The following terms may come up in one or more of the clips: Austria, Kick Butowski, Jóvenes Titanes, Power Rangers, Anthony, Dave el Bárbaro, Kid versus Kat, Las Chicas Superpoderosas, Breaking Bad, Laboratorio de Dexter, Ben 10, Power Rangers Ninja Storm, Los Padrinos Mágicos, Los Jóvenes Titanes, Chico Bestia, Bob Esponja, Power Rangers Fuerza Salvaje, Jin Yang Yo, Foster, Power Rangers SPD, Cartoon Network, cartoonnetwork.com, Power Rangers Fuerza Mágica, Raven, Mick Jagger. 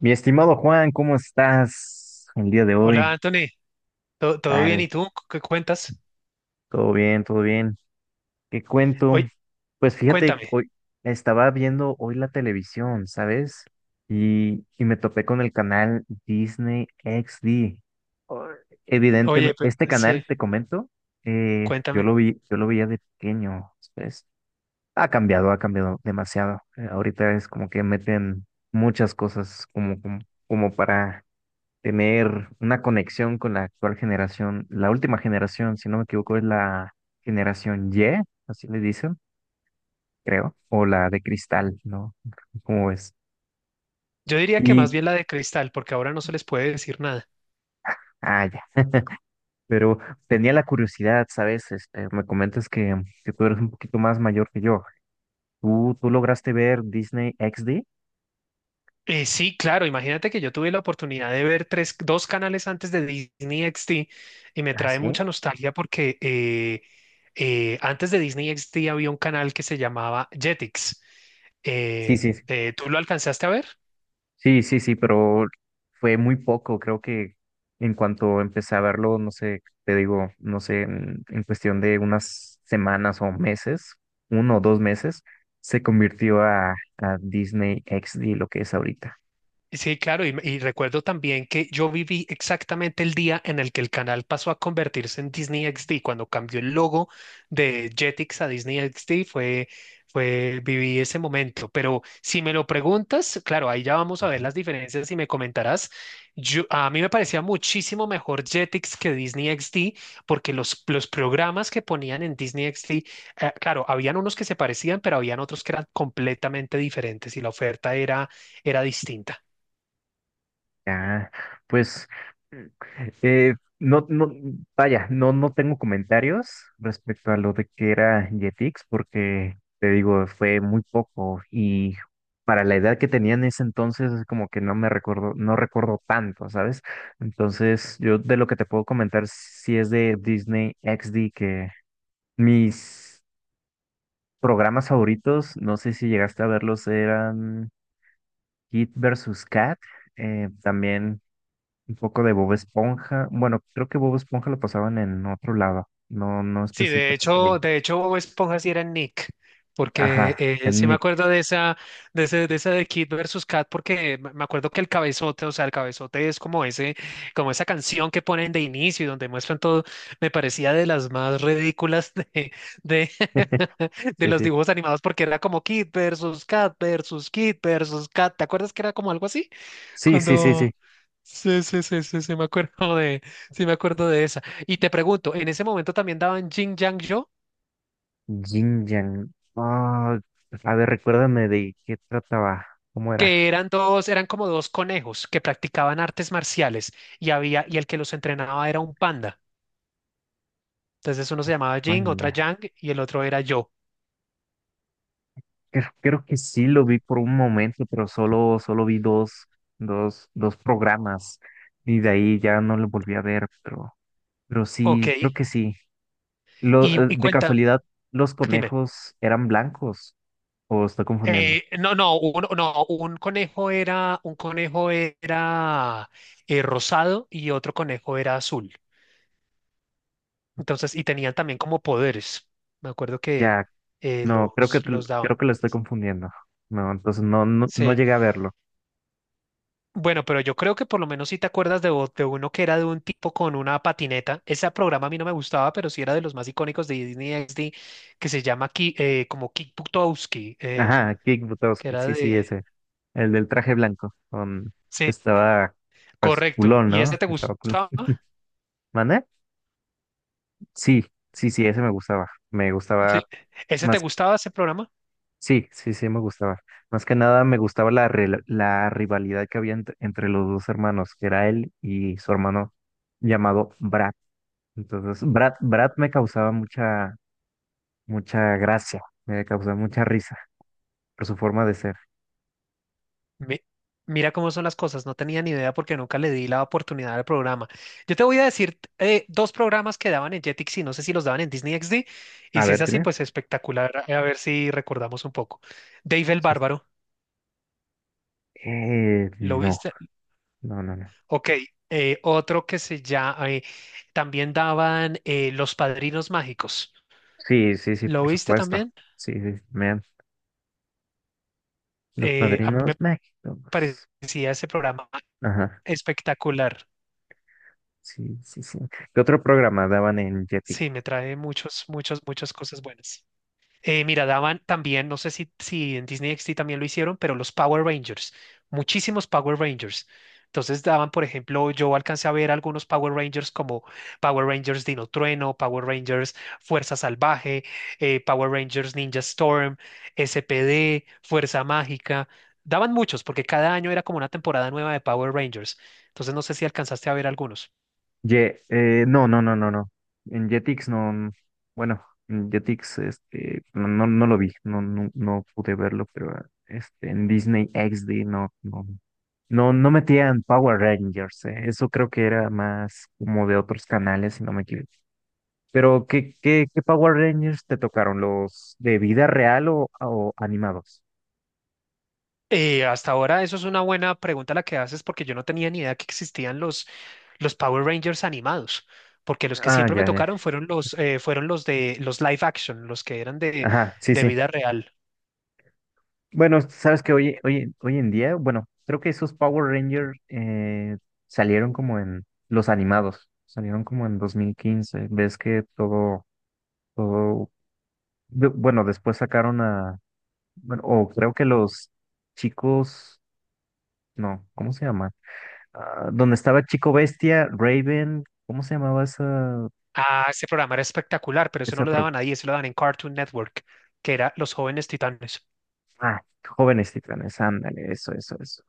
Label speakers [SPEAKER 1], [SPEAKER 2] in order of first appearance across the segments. [SPEAKER 1] Mi estimado Juan, ¿cómo estás el día de
[SPEAKER 2] Hola,
[SPEAKER 1] hoy?
[SPEAKER 2] Anthony. ¿Todo bien?
[SPEAKER 1] Tal,
[SPEAKER 2] ¿Y tú? ¿Qué cuentas?
[SPEAKER 1] todo bien, todo bien. ¿Qué cuento?
[SPEAKER 2] Oye,
[SPEAKER 1] Pues fíjate,
[SPEAKER 2] cuéntame.
[SPEAKER 1] hoy estaba viendo hoy la televisión, ¿sabes? Y me topé con el canal Disney XD. Oh,
[SPEAKER 2] Oye,
[SPEAKER 1] evidentemente,
[SPEAKER 2] pero,
[SPEAKER 1] este
[SPEAKER 2] sí,
[SPEAKER 1] canal, te comento, yo
[SPEAKER 2] cuéntame.
[SPEAKER 1] lo vi, yo lo veía de pequeño, ¿sabes? Ha cambiado demasiado. Ahorita es como que meten muchas cosas como para tener una conexión con la actual generación, la última generación, si no me equivoco, es la generación Y, así le dicen, creo, o la de cristal, ¿no? ¿Cómo es?
[SPEAKER 2] Yo diría que más
[SPEAKER 1] Y,
[SPEAKER 2] bien la de Cristal, porque ahora no se les puede decir nada.
[SPEAKER 1] ah, ya, pero tenía la curiosidad, ¿sabes? Este, me comentas que tú eres un poquito más mayor que yo. ¿Tú lograste ver Disney XD?
[SPEAKER 2] Sí, claro, imagínate que yo tuve la oportunidad de ver tres, dos canales antes de Disney XD y me
[SPEAKER 1] Ah,
[SPEAKER 2] trae
[SPEAKER 1] sí.
[SPEAKER 2] mucha nostalgia porque antes de Disney XD había un canal que se llamaba Jetix.
[SPEAKER 1] Sí,
[SPEAKER 2] Eh,
[SPEAKER 1] sí, sí.
[SPEAKER 2] ¿Tú lo alcanzaste a ver?
[SPEAKER 1] Sí, sí, sí, pero fue muy poco. Creo que en cuanto empecé a verlo, no sé, te digo, no sé, en cuestión de unas semanas o meses, uno o dos meses, se convirtió a Disney XD, lo que es ahorita.
[SPEAKER 2] Sí, claro, y recuerdo también que yo viví exactamente el día en el que el canal pasó a convertirse en Disney XD, cuando cambió el logo de Jetix a Disney XD, viví ese momento. Pero si me lo preguntas, claro, ahí ya vamos a ver las diferencias y me comentarás. A mí me parecía muchísimo mejor Jetix que Disney XD, porque los programas que ponían en Disney XD, claro, habían unos que se parecían, pero habían otros que eran completamente diferentes y la oferta era distinta.
[SPEAKER 1] Ah, pues mm, eh, no, no, vaya, no, no tengo comentarios respecto a lo de que era Jetix, porque te digo, fue muy poco y para la edad que tenía en ese entonces, es como que no me recuerdo, no recuerdo tanto, ¿sabes? Entonces, yo de lo que te puedo comentar, si es de Disney XD, que mis programas favoritos, no sé si llegaste a verlos, eran Kid versus Kat, también un poco de Bob Esponja. Bueno, creo que Bob Esponja lo pasaban en otro lado, no, no
[SPEAKER 2] Sí, de
[SPEAKER 1] específicamente
[SPEAKER 2] hecho,
[SPEAKER 1] ahí.
[SPEAKER 2] Bob Esponja sí era Nick, porque
[SPEAKER 1] Ajá, en
[SPEAKER 2] sí me
[SPEAKER 1] Nick.
[SPEAKER 2] acuerdo de esa, de esa de Kid versus Kat, porque me acuerdo que el cabezote, o sea, el cabezote es como ese, como esa canción que ponen de inicio y donde muestran todo, me parecía de las más ridículas de, de
[SPEAKER 1] Sí,
[SPEAKER 2] los
[SPEAKER 1] sí.
[SPEAKER 2] dibujos animados, porque era como Kid versus Kat versus Kid versus Kat, ¿te acuerdas que era como algo así?
[SPEAKER 1] Sí, sí, sí,
[SPEAKER 2] Cuando
[SPEAKER 1] sí.
[SPEAKER 2] Sí, sí, sí, sí, sí, me acuerdo de, sí, me acuerdo de esa. Y te pregunto, en ese momento también daban Jin Yang Yo,
[SPEAKER 1] Jin Yang. Ah, a ver, recuérdame de qué trataba, cómo era.
[SPEAKER 2] que eran como dos conejos que practicaban artes marciales y y el que los entrenaba era un panda. Entonces uno se llamaba Jin, otra
[SPEAKER 1] Anda.
[SPEAKER 2] Yang y el otro era yo.
[SPEAKER 1] Creo que sí lo vi por un momento, pero solo vi dos programas. Y de ahí ya no lo volví a ver, pero sí, creo
[SPEAKER 2] Ok.
[SPEAKER 1] que sí. Lo,
[SPEAKER 2] Y, y
[SPEAKER 1] de
[SPEAKER 2] cuenta,
[SPEAKER 1] casualidad, los
[SPEAKER 2] dime.
[SPEAKER 1] conejos eran blancos. O estoy confundiendo.
[SPEAKER 2] No, no, no, un conejo era rosado y otro conejo era azul. Entonces, y tenían también como poderes. Me acuerdo que
[SPEAKER 1] Ya, no,
[SPEAKER 2] los, los daban.
[SPEAKER 1] creo que lo estoy confundiendo. No, entonces no, no, no
[SPEAKER 2] Sí.
[SPEAKER 1] llegué a verlo.
[SPEAKER 2] Bueno, pero yo creo que por lo menos si te acuerdas de uno que era de un tipo con una patineta. Ese programa a mí no me gustaba, pero sí era de los más icónicos de Disney XD, que se llama como Kick Butowski,
[SPEAKER 1] Ajá, Kick
[SPEAKER 2] que
[SPEAKER 1] Butowski,
[SPEAKER 2] era
[SPEAKER 1] sí, sí,
[SPEAKER 2] de...
[SPEAKER 1] ese. El del traje blanco. Con que
[SPEAKER 2] Sí,
[SPEAKER 1] estaba pues
[SPEAKER 2] correcto.
[SPEAKER 1] culón,
[SPEAKER 2] ¿Y
[SPEAKER 1] ¿no?
[SPEAKER 2] ese te
[SPEAKER 1] Estaba cool.
[SPEAKER 2] gustaba?
[SPEAKER 1] ¿Mané? Sí, sí, sí, ese me gustaba. Me
[SPEAKER 2] Sí.
[SPEAKER 1] gustaba
[SPEAKER 2] ¿Ese te
[SPEAKER 1] más.
[SPEAKER 2] gustaba, ese programa?
[SPEAKER 1] Sí, sí, sí, me gustaba. Más que nada me gustaba la rivalidad que había entre los dos hermanos, que era él y su hermano llamado Brad. Entonces, Brad me causaba mucha gracia, me causa mucha risa por su forma de ser.
[SPEAKER 2] Mi- Mira cómo son las cosas, no tenía ni idea porque nunca le di la oportunidad al programa. Yo te voy a decir dos programas que daban en Jetix y no sé si los daban en Disney XD. Y
[SPEAKER 1] A
[SPEAKER 2] si es
[SPEAKER 1] ver,
[SPEAKER 2] así,
[SPEAKER 1] dime.
[SPEAKER 2] pues espectacular. A ver si recordamos un poco. Dave el
[SPEAKER 1] Sí, sí.
[SPEAKER 2] Bárbaro, ¿lo
[SPEAKER 1] No,
[SPEAKER 2] viste?
[SPEAKER 1] no, no, no.
[SPEAKER 2] Ok, otro que se llama, también daban Los Padrinos Mágicos.
[SPEAKER 1] Sí, sí, sí,
[SPEAKER 2] ¿Lo
[SPEAKER 1] por
[SPEAKER 2] viste
[SPEAKER 1] supuesto.
[SPEAKER 2] también?
[SPEAKER 1] Sí, sí, vean, Los
[SPEAKER 2] A mí me
[SPEAKER 1] Padrinos Mágicos.
[SPEAKER 2] parecía ese programa
[SPEAKER 1] Ajá,
[SPEAKER 2] espectacular.
[SPEAKER 1] sí, sí, sí. ¿Qué otro programa daban en Jetix?
[SPEAKER 2] Sí, me trae muchas, muchas cosas buenas. Mira, daban también, no sé si en Disney XD también lo hicieron, pero los Power Rangers, muchísimos Power Rangers. Entonces daban, por ejemplo, yo alcancé a ver algunos Power Rangers como Power Rangers Dino Trueno, Power Rangers Fuerza Salvaje, Power Rangers Ninja Storm, SPD, Fuerza Mágica. Daban muchos porque cada año era como una temporada nueva de Power Rangers. Entonces no sé si alcanzaste a ver algunos.
[SPEAKER 1] Ye, no, no, no, no, no. En Jetix no, bueno, en Jetix este, no, no, no lo vi, no, no, no pude verlo, pero este, en Disney XD no, no, no, no metían Power Rangers, eso creo que era más como de otros canales, si no me equivoco. Pero, ¿qué Power Rangers te tocaron? ¿Los de vida real o animados?
[SPEAKER 2] Hasta ahora, eso es una buena pregunta la que haces porque yo no tenía ni idea que existían los Power Rangers animados, porque los que
[SPEAKER 1] Ah,
[SPEAKER 2] siempre me
[SPEAKER 1] ya,
[SPEAKER 2] tocaron
[SPEAKER 1] ya.
[SPEAKER 2] fueron los de los live action, los que eran
[SPEAKER 1] Ajá, sí,
[SPEAKER 2] de
[SPEAKER 1] sí.
[SPEAKER 2] vida real.
[SPEAKER 1] Bueno, sabes que hoy en día, bueno, creo que esos Power Rangers salieron como en los animados, salieron como en 2015. Ves que todo, todo, bueno, después sacaron a, bueno, o creo que los chicos, no, ¿cómo se llama? Ah, donde estaba Chico Bestia, Raven, ¿cómo se llamaba esa,
[SPEAKER 2] Ah, ese programa era espectacular, pero eso no
[SPEAKER 1] esa
[SPEAKER 2] lo
[SPEAKER 1] pro-
[SPEAKER 2] daban ahí, eso lo daban en Cartoon Network, que era Los Jóvenes Titanes.
[SPEAKER 1] Ah, Jóvenes Titanes, ándale, eso, eso, eso.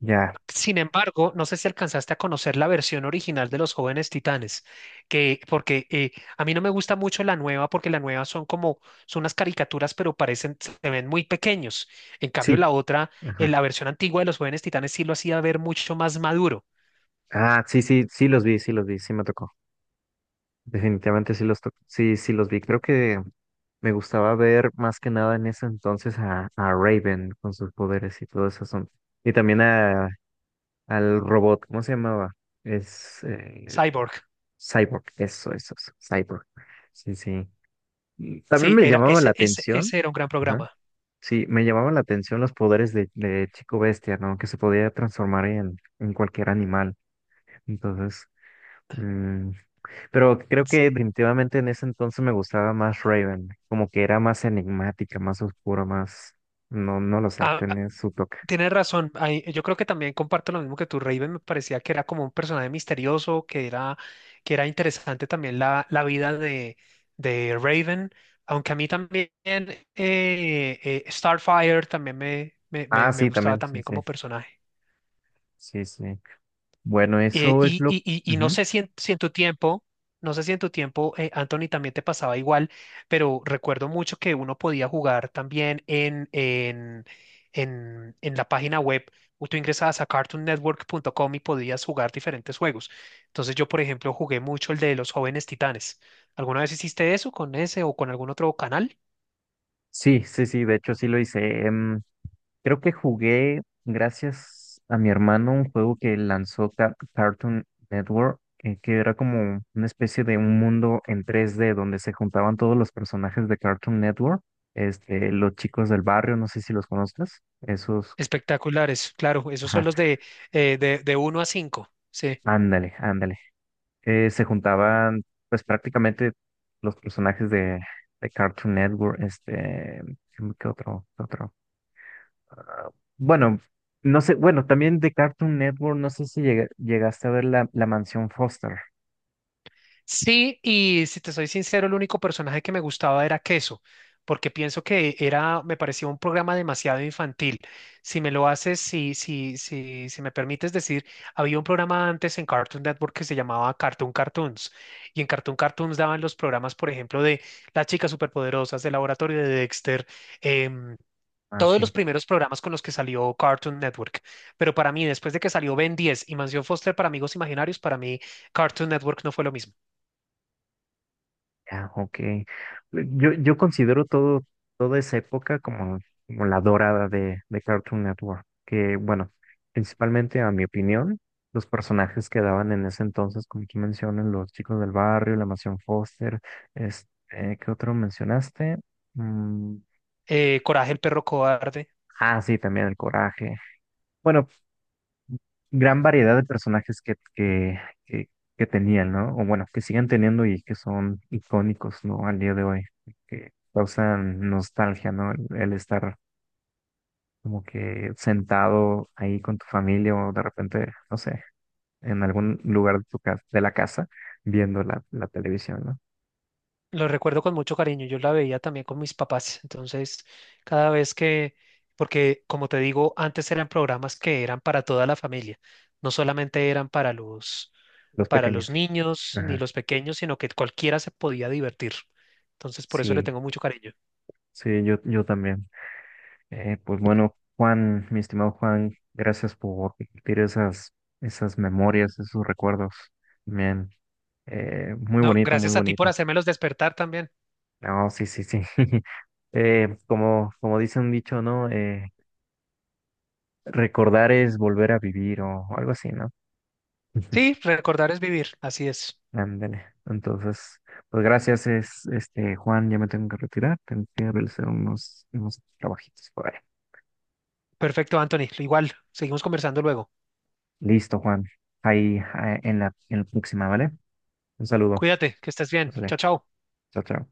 [SPEAKER 1] Ya,
[SPEAKER 2] Sin embargo, no sé si alcanzaste a conocer la versión original de Los Jóvenes Titanes, que porque a mí no me gusta mucho la nueva, porque la nueva son unas caricaturas, pero parecen se ven muy pequeños. En cambio,
[SPEAKER 1] sí,
[SPEAKER 2] la otra,
[SPEAKER 1] ajá.
[SPEAKER 2] la versión antigua de Los Jóvenes Titanes sí lo hacía ver mucho más maduro.
[SPEAKER 1] Ah, sí, sí, sí los vi, sí los vi, sí me tocó. Definitivamente sí los tocó, sí, sí los vi. Creo que me gustaba ver más que nada en ese entonces a Raven con sus poderes y todo eso. Asunto. Y también al robot, ¿cómo se llamaba? Es
[SPEAKER 2] Cyborg.
[SPEAKER 1] Cyborg, eso, Cyborg. Sí, sí. También
[SPEAKER 2] Sí,
[SPEAKER 1] me
[SPEAKER 2] era
[SPEAKER 1] llamaba la
[SPEAKER 2] ese ese
[SPEAKER 1] atención,
[SPEAKER 2] ese era un gran
[SPEAKER 1] ajá,
[SPEAKER 2] programa.
[SPEAKER 1] sí, me llamaban la atención los poderes de Chico Bestia, ¿no? Que se podía transformar en cualquier animal. Entonces, mm, pero creo que definitivamente en ese entonces me gustaba más Raven, como que era más enigmática, más oscura, más, no, no lo sé, tenía su toque.
[SPEAKER 2] Tienes razón, yo creo que también comparto lo mismo que tú. Raven, me parecía que era como un personaje misterioso, que era interesante también la vida de Raven, aunque a mí también Starfire también me, me,
[SPEAKER 1] Ah,
[SPEAKER 2] me, me
[SPEAKER 1] sí,
[SPEAKER 2] gustaba
[SPEAKER 1] también, sí,
[SPEAKER 2] también
[SPEAKER 1] sí,
[SPEAKER 2] como personaje.
[SPEAKER 1] sí, sí. Bueno,
[SPEAKER 2] Eh,
[SPEAKER 1] eso es
[SPEAKER 2] y,
[SPEAKER 1] lo...
[SPEAKER 2] y- y- y no
[SPEAKER 1] Ujú.
[SPEAKER 2] sé si en tu tiempo, Anthony, también te pasaba igual, pero recuerdo mucho que uno podía jugar también en la página web. O Tú ingresabas a cartoonnetwork.com y podías jugar diferentes juegos. Entonces yo, por ejemplo, jugué mucho el de los jóvenes titanes. ¿Alguna vez hiciste eso con ese o con algún otro canal?
[SPEAKER 1] Sí, sí, sí, de hecho sí lo hice. em, Creo que jugué, gracias a mi hermano, un juego que lanzó Cartoon Network, que era como una especie de un mundo en 3D donde se juntaban todos los personajes de Cartoon Network, este, los chicos del barrio, no sé si los conozcas, esos,
[SPEAKER 2] Espectaculares, claro, esos son
[SPEAKER 1] ajá,
[SPEAKER 2] los de uno a 5.
[SPEAKER 1] ándale, ándale. Se juntaban, pues prácticamente los personajes de Cartoon Network, este, ¿qué otro, qué otro? Ah, bueno, no sé, bueno, también de Cartoon Network, no sé si llegaste a ver la Mansión Foster.
[SPEAKER 2] Sí, y si te soy sincero, el único personaje que me gustaba era Queso, porque pienso me parecía un programa demasiado infantil. Si me permites decir, había un programa antes en Cartoon Network que se llamaba Cartoon Cartoons, y en Cartoon Cartoons daban los programas, por ejemplo, de Las Chicas Superpoderosas, del Laboratorio de Dexter, em,
[SPEAKER 1] Ah,
[SPEAKER 2] todos los
[SPEAKER 1] sí,
[SPEAKER 2] primeros programas con los que salió Cartoon Network. Pero para mí, después de que salió Ben 10 y Mansión Foster para Amigos Imaginarios, para mí Cartoon Network no fue lo mismo.
[SPEAKER 1] ya, ok. Yo considero todo, toda esa época como la dorada de Cartoon Network, que bueno, principalmente a mi opinión, los personajes que daban en ese entonces, como tú mencionas, los chicos del barrio, la Mansión Foster, este, ¿qué otro mencionaste? Mm,
[SPEAKER 2] Coraje el perro cobarde.
[SPEAKER 1] ah, sí, también el Coraje. Bueno, gran variedad de personajes que, que tenían, ¿no? O bueno, que siguen teniendo y que son icónicos, ¿no? Al día de hoy, que causan nostalgia, ¿no? El estar como que sentado ahí con tu familia o de repente, no sé, en algún lugar de tu casa, de la casa, viendo la televisión, ¿no?
[SPEAKER 2] Lo recuerdo con mucho cariño. Yo la veía también con mis papás. Entonces, cada vez que, porque como te digo, antes eran programas que eran para toda la familia. No solamente eran
[SPEAKER 1] Los
[SPEAKER 2] para
[SPEAKER 1] pequeños.
[SPEAKER 2] los niños ni
[SPEAKER 1] Ajá.
[SPEAKER 2] los pequeños, sino que cualquiera se podía divertir. Entonces, por eso le
[SPEAKER 1] Sí,
[SPEAKER 2] tengo mucho cariño.
[SPEAKER 1] sí, yo también. Pues bueno, Juan, mi estimado Juan, gracias por compartir esas memorias, esos recuerdos. Bien, muy
[SPEAKER 2] No,
[SPEAKER 1] bonito, muy
[SPEAKER 2] gracias a ti por
[SPEAKER 1] bonito.
[SPEAKER 2] hacérmelos despertar también.
[SPEAKER 1] No, sí, sí, sí. Como, como dice un dicho, ¿no? Recordar es volver a vivir o algo así, ¿no?
[SPEAKER 2] Sí, recordar es vivir. Así es.
[SPEAKER 1] Ándale. Entonces, pues gracias, es, este, Juan, ya me tengo que retirar, tengo que realizar unos trabajitos por ahí.
[SPEAKER 2] Perfecto, Anthony. Igual, seguimos conversando luego.
[SPEAKER 1] Listo, Juan. Ahí, ah, en la próxima, ¿vale? Un saludo.
[SPEAKER 2] Cuídate, que estés bien.
[SPEAKER 1] Vale.
[SPEAKER 2] Chao, chao.
[SPEAKER 1] Chao, chao.